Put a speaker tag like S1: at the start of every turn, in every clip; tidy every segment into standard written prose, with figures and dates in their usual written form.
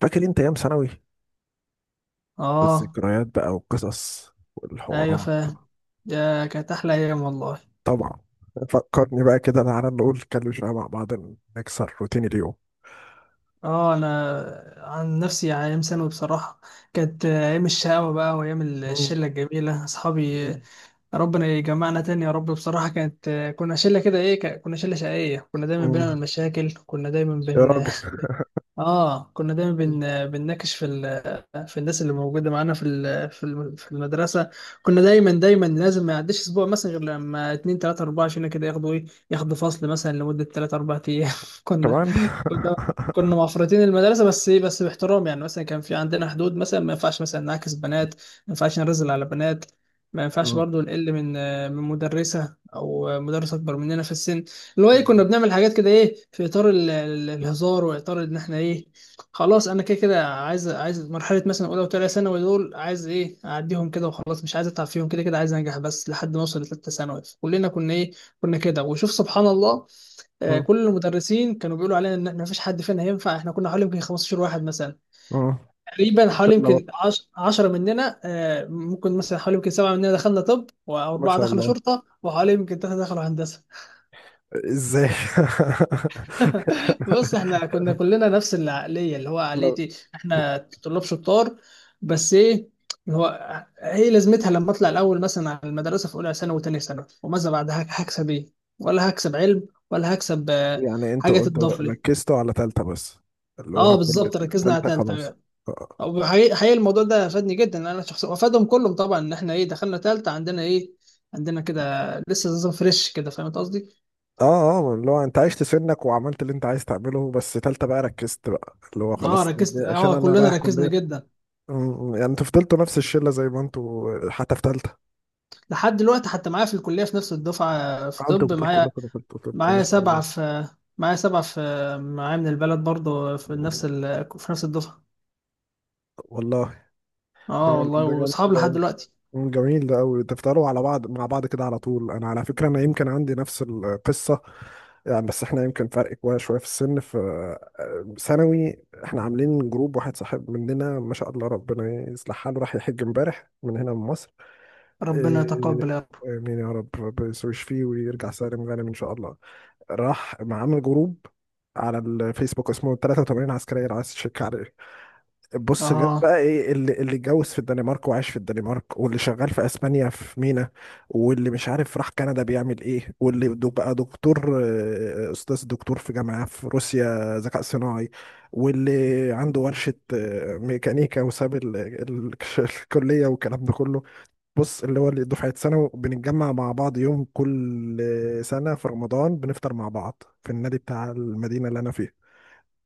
S1: فاكر انت ايام ثانوي؟
S2: اه
S1: والذكريات بقى والقصص
S2: ايوه،
S1: والحوارات.
S2: فاهم. يا كانت احلى ايام والله.
S1: طبعا. فكرني بقى كده، تعالى نقول نتكلم شويه مع بعض، نكسر روتين اليوم.
S2: اه انا عن نفسي يعني ايام ثانوي بصراحه كانت ايام الشقاوه بقى وايام
S1: مم.
S2: الشله الجميله اصحابي.
S1: مم.
S2: ربنا يجمعنا تاني يا رب. بصراحه كنا شله كده ايه، كنا شله شقيه، كنا دايما
S1: مم.
S2: بنعمل مشاكل، كنا دايما
S1: يا راجل
S2: اه، كنا دايما بنناقش في الناس اللي موجوده معانا في في المدرسه. كنا دايما دايما لازم ما يعديش اسبوع مثلا غير لما اتنين تلاته اربعه عشان كده ياخدوا ايه، ياخدوا فصل مثلا لمده تلاته اربعه ايام. كنا
S1: كمان.
S2: كنا كنا مفرطين المدرسه، بس ايه، بس باحترام يعني. مثلا كان في عندنا حدود، مثلا ما ينفعش مثلا نعاكس بنات، ما ينفعش نرزل على بنات، ما ينفعش
S1: مم.
S2: برضو نقل من من مدرسه او مدرس اكبر مننا في السن. اللي هو ايه، كنا
S1: مم.
S2: بنعمل حاجات كده، ايه، في اطار الهزار، واطار ان احنا ايه، خلاص، انا كده كده عايز، عايز مرحله مثلا اولى وثانيه ثانوي دول، عايز ايه، اعديهم كده وخلاص، مش عايز اتعب فيهم، كده كده عايز انجح بس لحد ما اوصل لثالثه ثانوي. كلنا كنا ايه، كنا كده. وشوف سبحان الله، كل المدرسين كانوا بيقولوا علينا ان ما فيش حد فينا هينفع. احنا كنا حوالي يمكن 15 واحد مثلا،
S1: مم.
S2: تقريبا حوالي
S1: لو...
S2: يمكن 10 مننا، ممكن مثلا حوالي يمكن سبعه مننا دخلنا طب،
S1: ما
S2: واربعه
S1: شاء
S2: دخلوا
S1: الله.
S2: شرطه، وحوالي يمكن ثلاثه دخلوا هندسه.
S1: ازاي؟
S2: بص، احنا كنا كلنا نفس العقليه، اللي هو
S1: لو...
S2: عقليتي، احنا طلاب شطار. بس ايه، اللي هو ايه لازمتها لما اطلع الاول مثلا على المدرسه في اولى ثانوي وثانيه ثانوي، وماذا بعد؟ هكسب ايه؟ ولا هكسب علم، ولا هكسب
S1: يعني
S2: حاجه
S1: انتوا
S2: تضاف لي.
S1: ركزتوا على تالتة بس؟ اللي هو
S2: اه،
S1: كل
S2: بالظبط، ركزنا على
S1: التالتة
S2: تالتة.
S1: خلاص.
S2: وحقيقي- حقيقي حقيقي الموضوع ده فادني جدا، لأن انا شخصيا وفادهم كلهم طبعا. ان احنا ايه، دخلنا تالتة، عندنا ايه، عندنا كده لسه نظام فريش كده. فاهم قصدي؟
S1: اه، اه، اللي هو انت عشت سنك وعملت اللي انت عايز تعمله، بس تالتة بقى ركزت بقى، اللي هو
S2: اه
S1: خلاص، دي
S2: ركزت،
S1: عشان
S2: اه
S1: انا
S2: كلنا
S1: رايح
S2: ركزنا
S1: كلية.
S2: جدا.
S1: م- يعني انتوا فضلتوا نفس الشلة زي ما انتوا حتى في تالتة؟
S2: لحد دلوقتي حتى معايا في الكلية، في نفس الدفعة في
S1: انتوا
S2: طب،
S1: بتقول
S2: معايا.
S1: كلكم دخلتوا طب؟ ما
S2: معايا
S1: شاء
S2: سبعة
S1: الله،
S2: في معايا سبعة في معايا من البلد برضه في نفس في نفس الدفعة.
S1: والله.
S2: اه والله،
S1: ده جميل
S2: واصحاب
S1: ده
S2: لحد
S1: أوي.
S2: دلوقتي.
S1: م، جميل ده قوي، تفضلوا على بعض مع بعض كده على طول. انا على فكرة انا يمكن عندي نفس القصة، يعني بس احنا يمكن فرق كويس شوية في السن. في... ثانوي احنا عاملين جروب، واحد صاحب مننا ما شاء الله ربنا يصلح حاله راح يحج امبارح من هنا من مصر.
S2: ربنا
S1: آه،
S2: يتقبل يا رب.
S1: آمين يا رب، ربنا يشفيه ويرجع سالم غانم إن شاء الله. راح مع... عامل جروب على الفيسبوك اسمه 83 عسكرية، لو عايز تشيك عليه. بص جاب
S2: اه،
S1: بقى ايه، اللي اتجوز في الدنمارك وعاش في الدنمارك، واللي شغال في اسبانيا في مينا، واللي مش عارف راح كندا بيعمل ايه، بقى دكتور، استاذ دكتور في جامعة في روسيا ذكاء صناعي، واللي عنده ورشة ميكانيكا وساب الكلية والكلام ده كله. بص اللي هو، اللي دفعة ثانوي بنتجمع مع بعض يوم كل سنة في رمضان، بنفطر مع بعض في النادي بتاع المدينة اللي أنا فيها.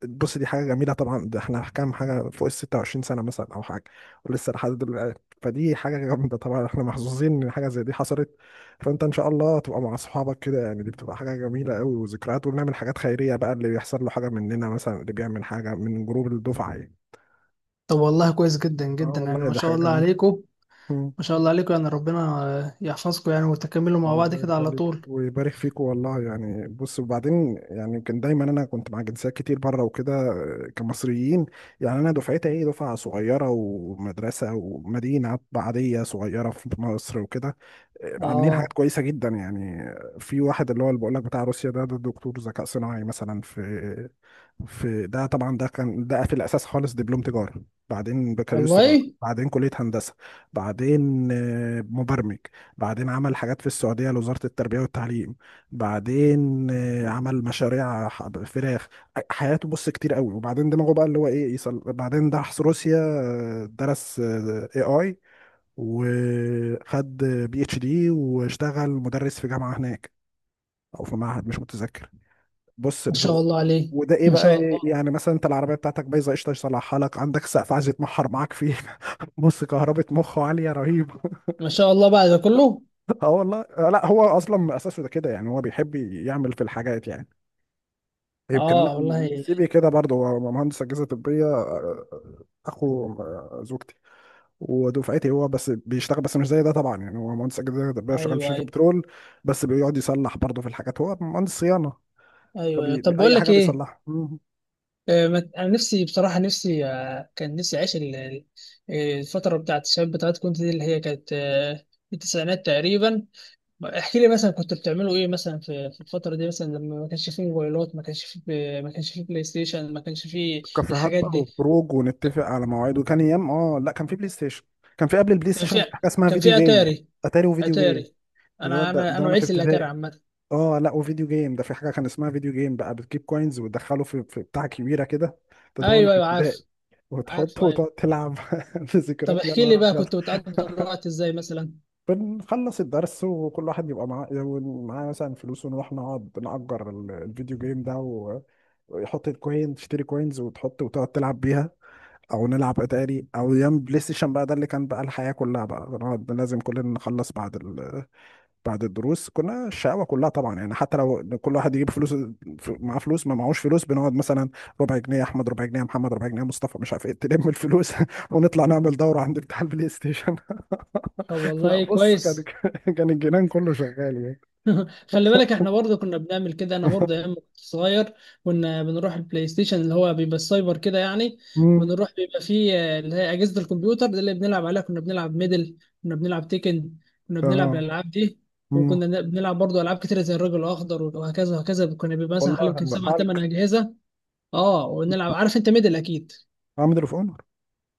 S1: بص دي حاجة جميلة طبعا، ده احنا كام حاجة فوق ال 26 سنة مثلا أو حاجة، ولسه لحد دلوقتي، فدي حاجة جامدة طبعا. احنا محظوظين إن حاجة زي دي حصلت. فأنت إن شاء الله تبقى مع أصحابك كده، يعني دي بتبقى حاجة جميلة أوي وذكريات، ونعمل حاجات خيرية بقى، اللي بيحصل له حاجة مننا مثلا، اللي بيعمل حاجة من جروب الدفعة يعني.
S2: طب والله كويس جدا
S1: اه
S2: جدا، يعني
S1: والله
S2: ما
S1: دي
S2: شاء
S1: حاجة
S2: الله
S1: جميلة.
S2: عليكم. ما شاء الله عليكم يعني، ربنا يحفظكم يعني، وتكملوا مع بعض
S1: الله
S2: كده على
S1: يخليك
S2: طول.
S1: ويبارك فيك والله. يعني بص وبعدين، يعني كان دايما انا كنت مع جنسيات كتير بره وكده، كمصريين يعني انا دفعتي ايه، دفعه صغيره ومدرسه ومدينه عاديه صغيره في مصر وكده، عاملين
S2: اه
S1: حاجات كويسه جدا يعني. في واحد اللي هو اللي بقول لك بتاع روسيا ده دكتور ذكاء صناعي مثلا في... في ده طبعا، ده كان ده في الاساس خالص دبلوم تجاره، بعدين بكالوريوس تجاره،
S2: والله.
S1: بعدين كليه هندسه، بعدين مبرمج، بعدين عمل حاجات في السعودية لوزارة التربية والتعليم، بعدين عمل مشاريع فراخ. حياته بص كتير قوي. وبعدين دماغه بقى اللي هو ايه يصل، بعدين راح روسيا، درس اي اي وخد بي اتش دي، واشتغل مدرس في جامعة هناك او في معهد مش متذكر. بص
S2: ما
S1: اللي
S2: شاء
S1: هو،
S2: الله عليه.
S1: وده ايه
S2: ما
S1: بقى
S2: شاء
S1: إيه،
S2: الله،
S1: يعني مثلا انت العربيه بتاعتك بايظه، قشطه يصلحها لك. عندك سقف عايز يتمحر معاك فيه بص كهربة مخه عاليه رهيبه.
S2: ما شاء الله بعد ده كله.
S1: اه والله، آه لا هو اصلا من اساسه ده كده، يعني هو بيحب يعمل في الحاجات يعني. يمكن انا
S2: اه والله.
S1: سي في كده برضه، هو مهندس اجهزه طبيه، اخو زوجتي ودفعتي. هو بس بيشتغل بس مش زي ده طبعا، يعني هو مهندس اجهزه طبيه شغال في
S2: ايوه
S1: شركه
S2: ايوه،
S1: بترول، بس بيقعد يصلح برضه في الحاجات، هو مهندس صيانه،
S2: ايوه أيوة.
S1: فبي
S2: طب، بقول
S1: اي
S2: لك
S1: حاجه
S2: ايه.
S1: بيصلحها. مم.
S2: انا نفسي بصراحه، نفسي كان نفسي اعيش الفتره بتاعت الشباب، بتاعت كنت دي، اللي هي كانت التسعينات تقريبا. احكي لي مثلا كنتوا بتعملوا ايه مثلا في في الفتره دي، مثلا لما ما كانش فيه موبايلات، ما كانش فيه ما كانش فيه بلاي ستيشن، ما كانش فيه
S1: كافيهات
S2: الحاجات
S1: بقى
S2: دي.
S1: وخروج ونتفق على مواعيد وكان ايام، اه لا كان في بلاي ستيشن. كان في قبل البلاي
S2: كان
S1: ستيشن
S2: في
S1: حاجه اسمها
S2: كان
S1: فيديو
S2: في
S1: جيم.
S2: اتاري،
S1: اتاري وفيديو جيم،
S2: اتاري.
S1: ده ده,
S2: انا
S1: ده,
S2: انا
S1: ده
S2: انا
S1: وانا في
S2: وعيت الاتاري
S1: ابتدائي.
S2: عامه.
S1: اه لا وفيديو جيم ده، في حاجه كان اسمها فيديو جيم بقى، بتجيب كوينز وتدخله في... في بتاع كبيره كده. ده وانا
S2: ايوه
S1: في
S2: ايوه
S1: ابتدائي.
S2: عارف، عارف
S1: وتحطه
S2: ايوه.
S1: وتقعد تلعب في
S2: طب
S1: ذكريات يا
S2: احكي لي
S1: نهار
S2: بقى،
S1: ابيض
S2: كنت بتقضي الوقت ازاي مثلا؟
S1: بنخلص الدرس وكل واحد بيبقى معاه مثلا فلوس، ونروح نقعد نأجر الفيديو جيم ده، ويحط الكوين، تشتري كوينز وتحط وتقعد تلعب بيها. او نلعب اتاري، او ايام بلاي ستيشن بقى، ده اللي كان بقى الحياة كلها بقى، نقعد لازم كلنا نخلص بعد... بعد الدروس. كنا الشقاوة كلها طبعا يعني، حتى لو كل واحد يجيب فلوس، معاه فلوس ما معهوش فلوس، بنقعد مثلا ربع جنيه احمد، ربع جنيه محمد، ربع جنيه مصطفى، مش عارف ايه، تلم الفلوس ونطلع نعمل دورة عند بتاع البلاي ستيشن.
S2: طب
S1: لا
S2: والله
S1: بص كان...
S2: كويس.
S1: كان الجنان كله شغال يعني.
S2: خلي بالك، احنا برضه كنا بنعمل كده، انا برضه ايام ما كنت صغير كنا بنروح البلاي ستيشن، اللي هو بيبقى السايبر كده يعني.
S1: مم.
S2: ونروح بيبقى فيه اللي هي اجهزه الكمبيوتر دي اللي بنلعب عليها. كنا بنلعب ميدل، كنا بنلعب تيكن، كنا بنلعب
S1: اه.
S2: الالعاب دي.
S1: مم.
S2: وكنا بنلعب برضه العاب كتيره، زي الرجل الاخضر وهكذا وهكذا. كنا بيبقى مثلا حوالي يمكن
S1: والله
S2: سبع ثمان
S1: حالك.
S2: اجهزه. اه، ونلعب. عارف انت ميدل اكيد.
S1: عامل اوف اونر.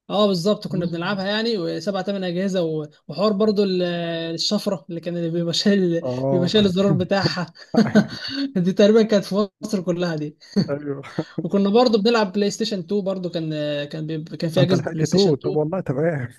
S2: اه بالظبط، كنا
S1: مم.
S2: بنلعبها يعني، وسبع تمن اجهزه، وحوار برضو الشفره اللي كان، اللي بيبقى شايل، بيبقى
S1: اه.
S2: شايل الزرار بتاعها. دي تقريبا كانت في مصر كلها دي.
S1: ايوه.
S2: وكنا برضو بنلعب بلاي ستيشن 2 برضو. كان كان في
S1: انت
S2: اجهزه
S1: لحقت
S2: بلاي ستيشن
S1: توت؟
S2: 2.
S1: طب والله تمام.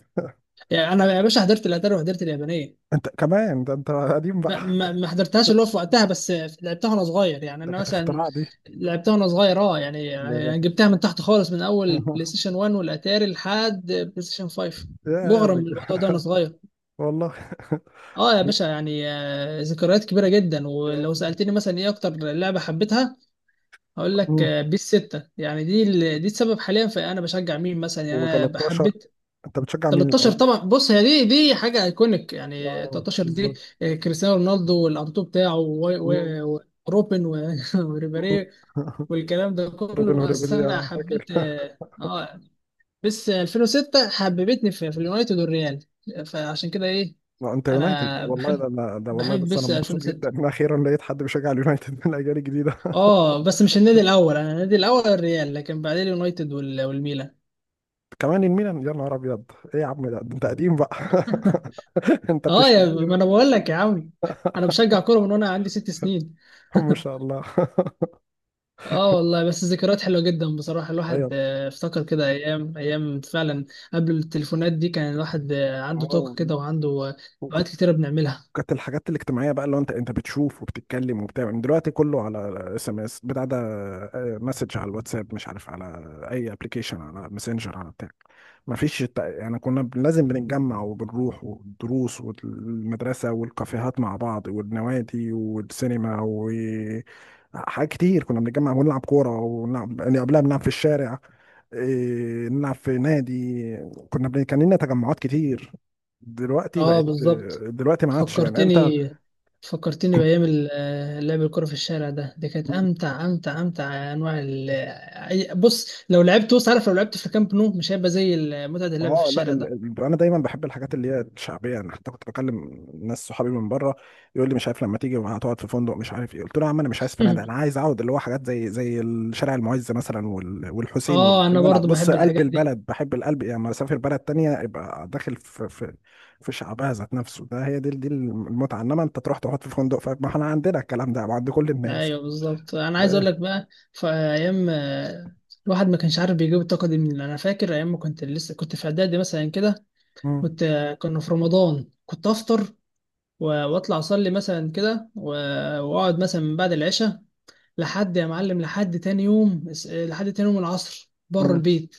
S2: يعني انا يا باشا حضرت الاتari وحضرت اليابانيه.
S1: انت كمان، ده انت قديم بقى.
S2: ما حضرتهاش اللي هو في وقتها بس، لعبتها وانا صغير. يعني
S1: ده
S2: انا
S1: كانت
S2: مثلا
S1: اختراع دي.
S2: لعبتها وانا صغير. اه يعني
S1: اللي...
S2: يعني جبتها من تحت خالص، من اول بلاي ستيشن 1 والاتاري لحد بلاي ستيشن 5.
S1: يا بج...
S2: مغرم بالموضوع ده وانا صغير.
S1: والله.
S2: اه يا باشا يعني، ذكريات كبيره جدا. ولو سالتني مثلا ايه اكتر لعبه حبيتها، هقول لك
S1: مم.
S2: بيس 6. يعني دي دي السبب حاليا في انا بشجع مين مثلا. يعني انا
S1: و13.
S2: حبيت
S1: انت بتشجع مين
S2: 13
S1: الاول؟
S2: طبعا. بص، هي دي، دي حاجه ايكونيك يعني.
S1: اه
S2: 13 دي،
S1: بالظبط.
S2: كريستيانو رونالدو والانطو بتاعه
S1: مم.
S2: وروبن
S1: مم.
S2: وريبيري والكلام ده كله.
S1: روبن
S2: بس
S1: هوريبيلي،
S2: انا
S1: فاكر.
S2: حبيت بس 2006 حببتني في اليونايتد والريال. فعشان كده ايه،
S1: ما انت يونايتد
S2: انا
S1: والله،
S2: بحب
S1: ده والله.
S2: بحب
S1: بس انا
S2: بس
S1: مبسوط جدا
S2: 2006.
S1: ان اخيرا لقيت حد بيشجع اليونايتد من الاجيال الجديده.
S2: اه بس مش النادي الاول، انا النادي الاول الريال، لكن بعدين اليونايتد والميلان.
S1: كمان الميلان يا نهار ابيض! ايه يا عم، ده انت قديم بقى انت
S2: اه
S1: بتشتغل
S2: يا
S1: لي؟
S2: ما انا بقول لك يا عم، انا بشجع كوره من وانا عندي ست سنين.
S1: ما شاء الله
S2: اه والله، بس ذكريات حلوة جدا بصراحة. الواحد
S1: ايوه.
S2: افتكر كده ايام ايام فعلا قبل التليفونات دي. كان الواحد عنده طاقة
S1: آه،
S2: كده، وعنده اوقات كتيرة بنعملها.
S1: كانت الحاجات الاجتماعيه بقى اللي هو، انت بتشوف وبتتكلم وبتعمل. دلوقتي كله على SMS بتاع ده، مسج على الواتساب، مش عارف على اي ابلكيشن، على ماسنجر، على بتاع. ما فيش يعني، لازم بنتجمع وبنروح، والدروس والمدرسه والكافيهات مع بعض، والنوادي والسينما، و حاجات كتير كنا بنتجمع ونلعب كوره، ونلعب يعني قبلها بنلعب في الشارع، إيه، نلعب في نادي. كان لنا تجمعات كتير. دلوقتي
S2: اه
S1: بقت...
S2: بالظبط.
S1: دلوقتي ما عادش يعني
S2: فكرتني
S1: انت...
S2: فكرتني بأيام لعب الكرة في الشارع ده. دي كانت أمتع أمتع أمتع أنواع بص، لو لعبت، بص عارف، لو لعبت في كامب نو مش هيبقى زي متعة اللعب في
S1: اه لا
S2: الشارع ده.
S1: انا دايما بحب الحاجات اللي هي الشعبيه يعني. حتى كنت بكلم ناس صحابي من بره يقول لي مش عارف لما تيجي هتقعد في فندق مش عارف ايه، قلت له يا عم انا مش عايز فنادق، انا عايز اقعد اللي هو حاجات زي زي الشارع المعز مثلا، والحسين،
S2: اه، أنا
S1: اللي هو
S2: برضو
S1: بص
S2: بحب
S1: قلب
S2: الحاجات دي.
S1: البلد، بحب القلب يعني، لما اسافر بلد تانية يبقى داخل في... في في شعبها ذات نفسه. ده هي دي، دي المتعه، انما انت تروح تقعد في فندق فما، احنا عندنا الكلام ده عند كل الناس.
S2: ايوه بالظبط، انا
S1: ف...
S2: عايز اقول لك بقى، في ايام الواحد ما كانش عارف بيجيب الطاقه دي منين. انا فاكر ايام ما كنت لسه كنت في اعدادي مثلا كده،
S1: مم.
S2: كنت آه، كنا في رمضان كنت افطر واطلع اصلي مثلا كده واقعد مثلا من بعد العشاء لحد يا معلم لحد تاني يوم، لحد تاني يوم العصر بره
S1: مم.
S2: البيت.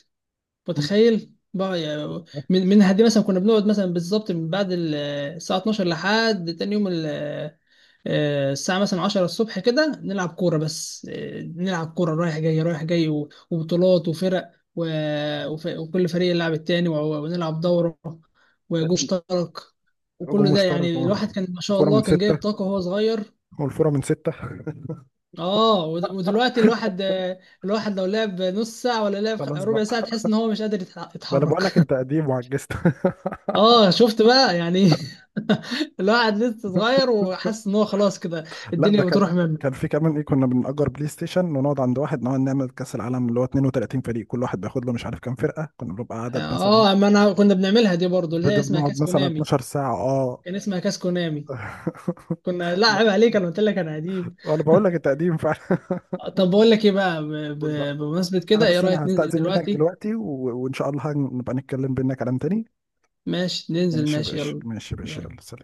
S1: مم.
S2: متخيل بقى يعني، من هدي، مثلا كنا بنقعد مثلا بالظبط من بعد الساعه 12 لحد تاني يوم الساعة مثلا 10 الصبح كده، نلعب كورة بس. نلعب كورة رايح جاي رايح جاي، وبطولات وفرق، وكل فريق يلعب التاني، ونلعب دورة وجوش اشترك.
S1: هجوم
S2: وكل ده
S1: مشترك،
S2: يعني،
S1: اه.
S2: الواحد كان ما شاء
S1: الفورة من
S2: الله كان جايب
S1: ستة،
S2: طاقة وهو صغير.
S1: والفورة من ستة.
S2: اه ودلوقتي الواحد لو لعب نص ساعة ولا لعب
S1: خلاص بقى.
S2: ربع ساعة، تحس ان هو مش قادر
S1: ما انا بقول
S2: يتحرك.
S1: لك انت قديم وعجزت
S2: اه شفت بقى يعني. الواحد لسه صغير، وحاسس ان هو خلاص كده
S1: لا ده
S2: الدنيا
S1: كان...
S2: بتروح
S1: كان
S2: منه.
S1: في كمان ايه، كنا بنأجر بلاي ستيشن ونقعد عند واحد، نقعد نعمل كأس العالم اللي هو 32 فريق، كل واحد بياخد له مش عارف كام فرقة، كنا بنبقى عدد مثلا،
S2: اه، اما انا كنا بنعملها دي برضو، اللي هي
S1: بدنا
S2: اسمها
S1: بنقعد
S2: كاس
S1: مثلا
S2: كونامي.
S1: 12 ساعة، اه.
S2: كان اسمها كاس كونامي. كنا، لا
S1: لا،
S2: عيب عليك، انا قلت لك انا قديم.
S1: انا بقول لك انت قديم فعلا.
S2: طب بقول لك ايه بقى،
S1: قول بقى.
S2: بمناسبة
S1: انا
S2: كده، ايه
S1: بس
S2: رأيك
S1: انا
S2: ننزل
S1: هستأذن منك
S2: دلوقتي؟
S1: دلوقتي، و... وان شاء الله نبقى نتكلم بينا كلام تاني.
S2: ماشي، ننزل
S1: ماشي يا
S2: ماشي،
S1: باشا،
S2: يلا
S1: ماشي يا باشا،
S2: يلا.
S1: يلا سلام.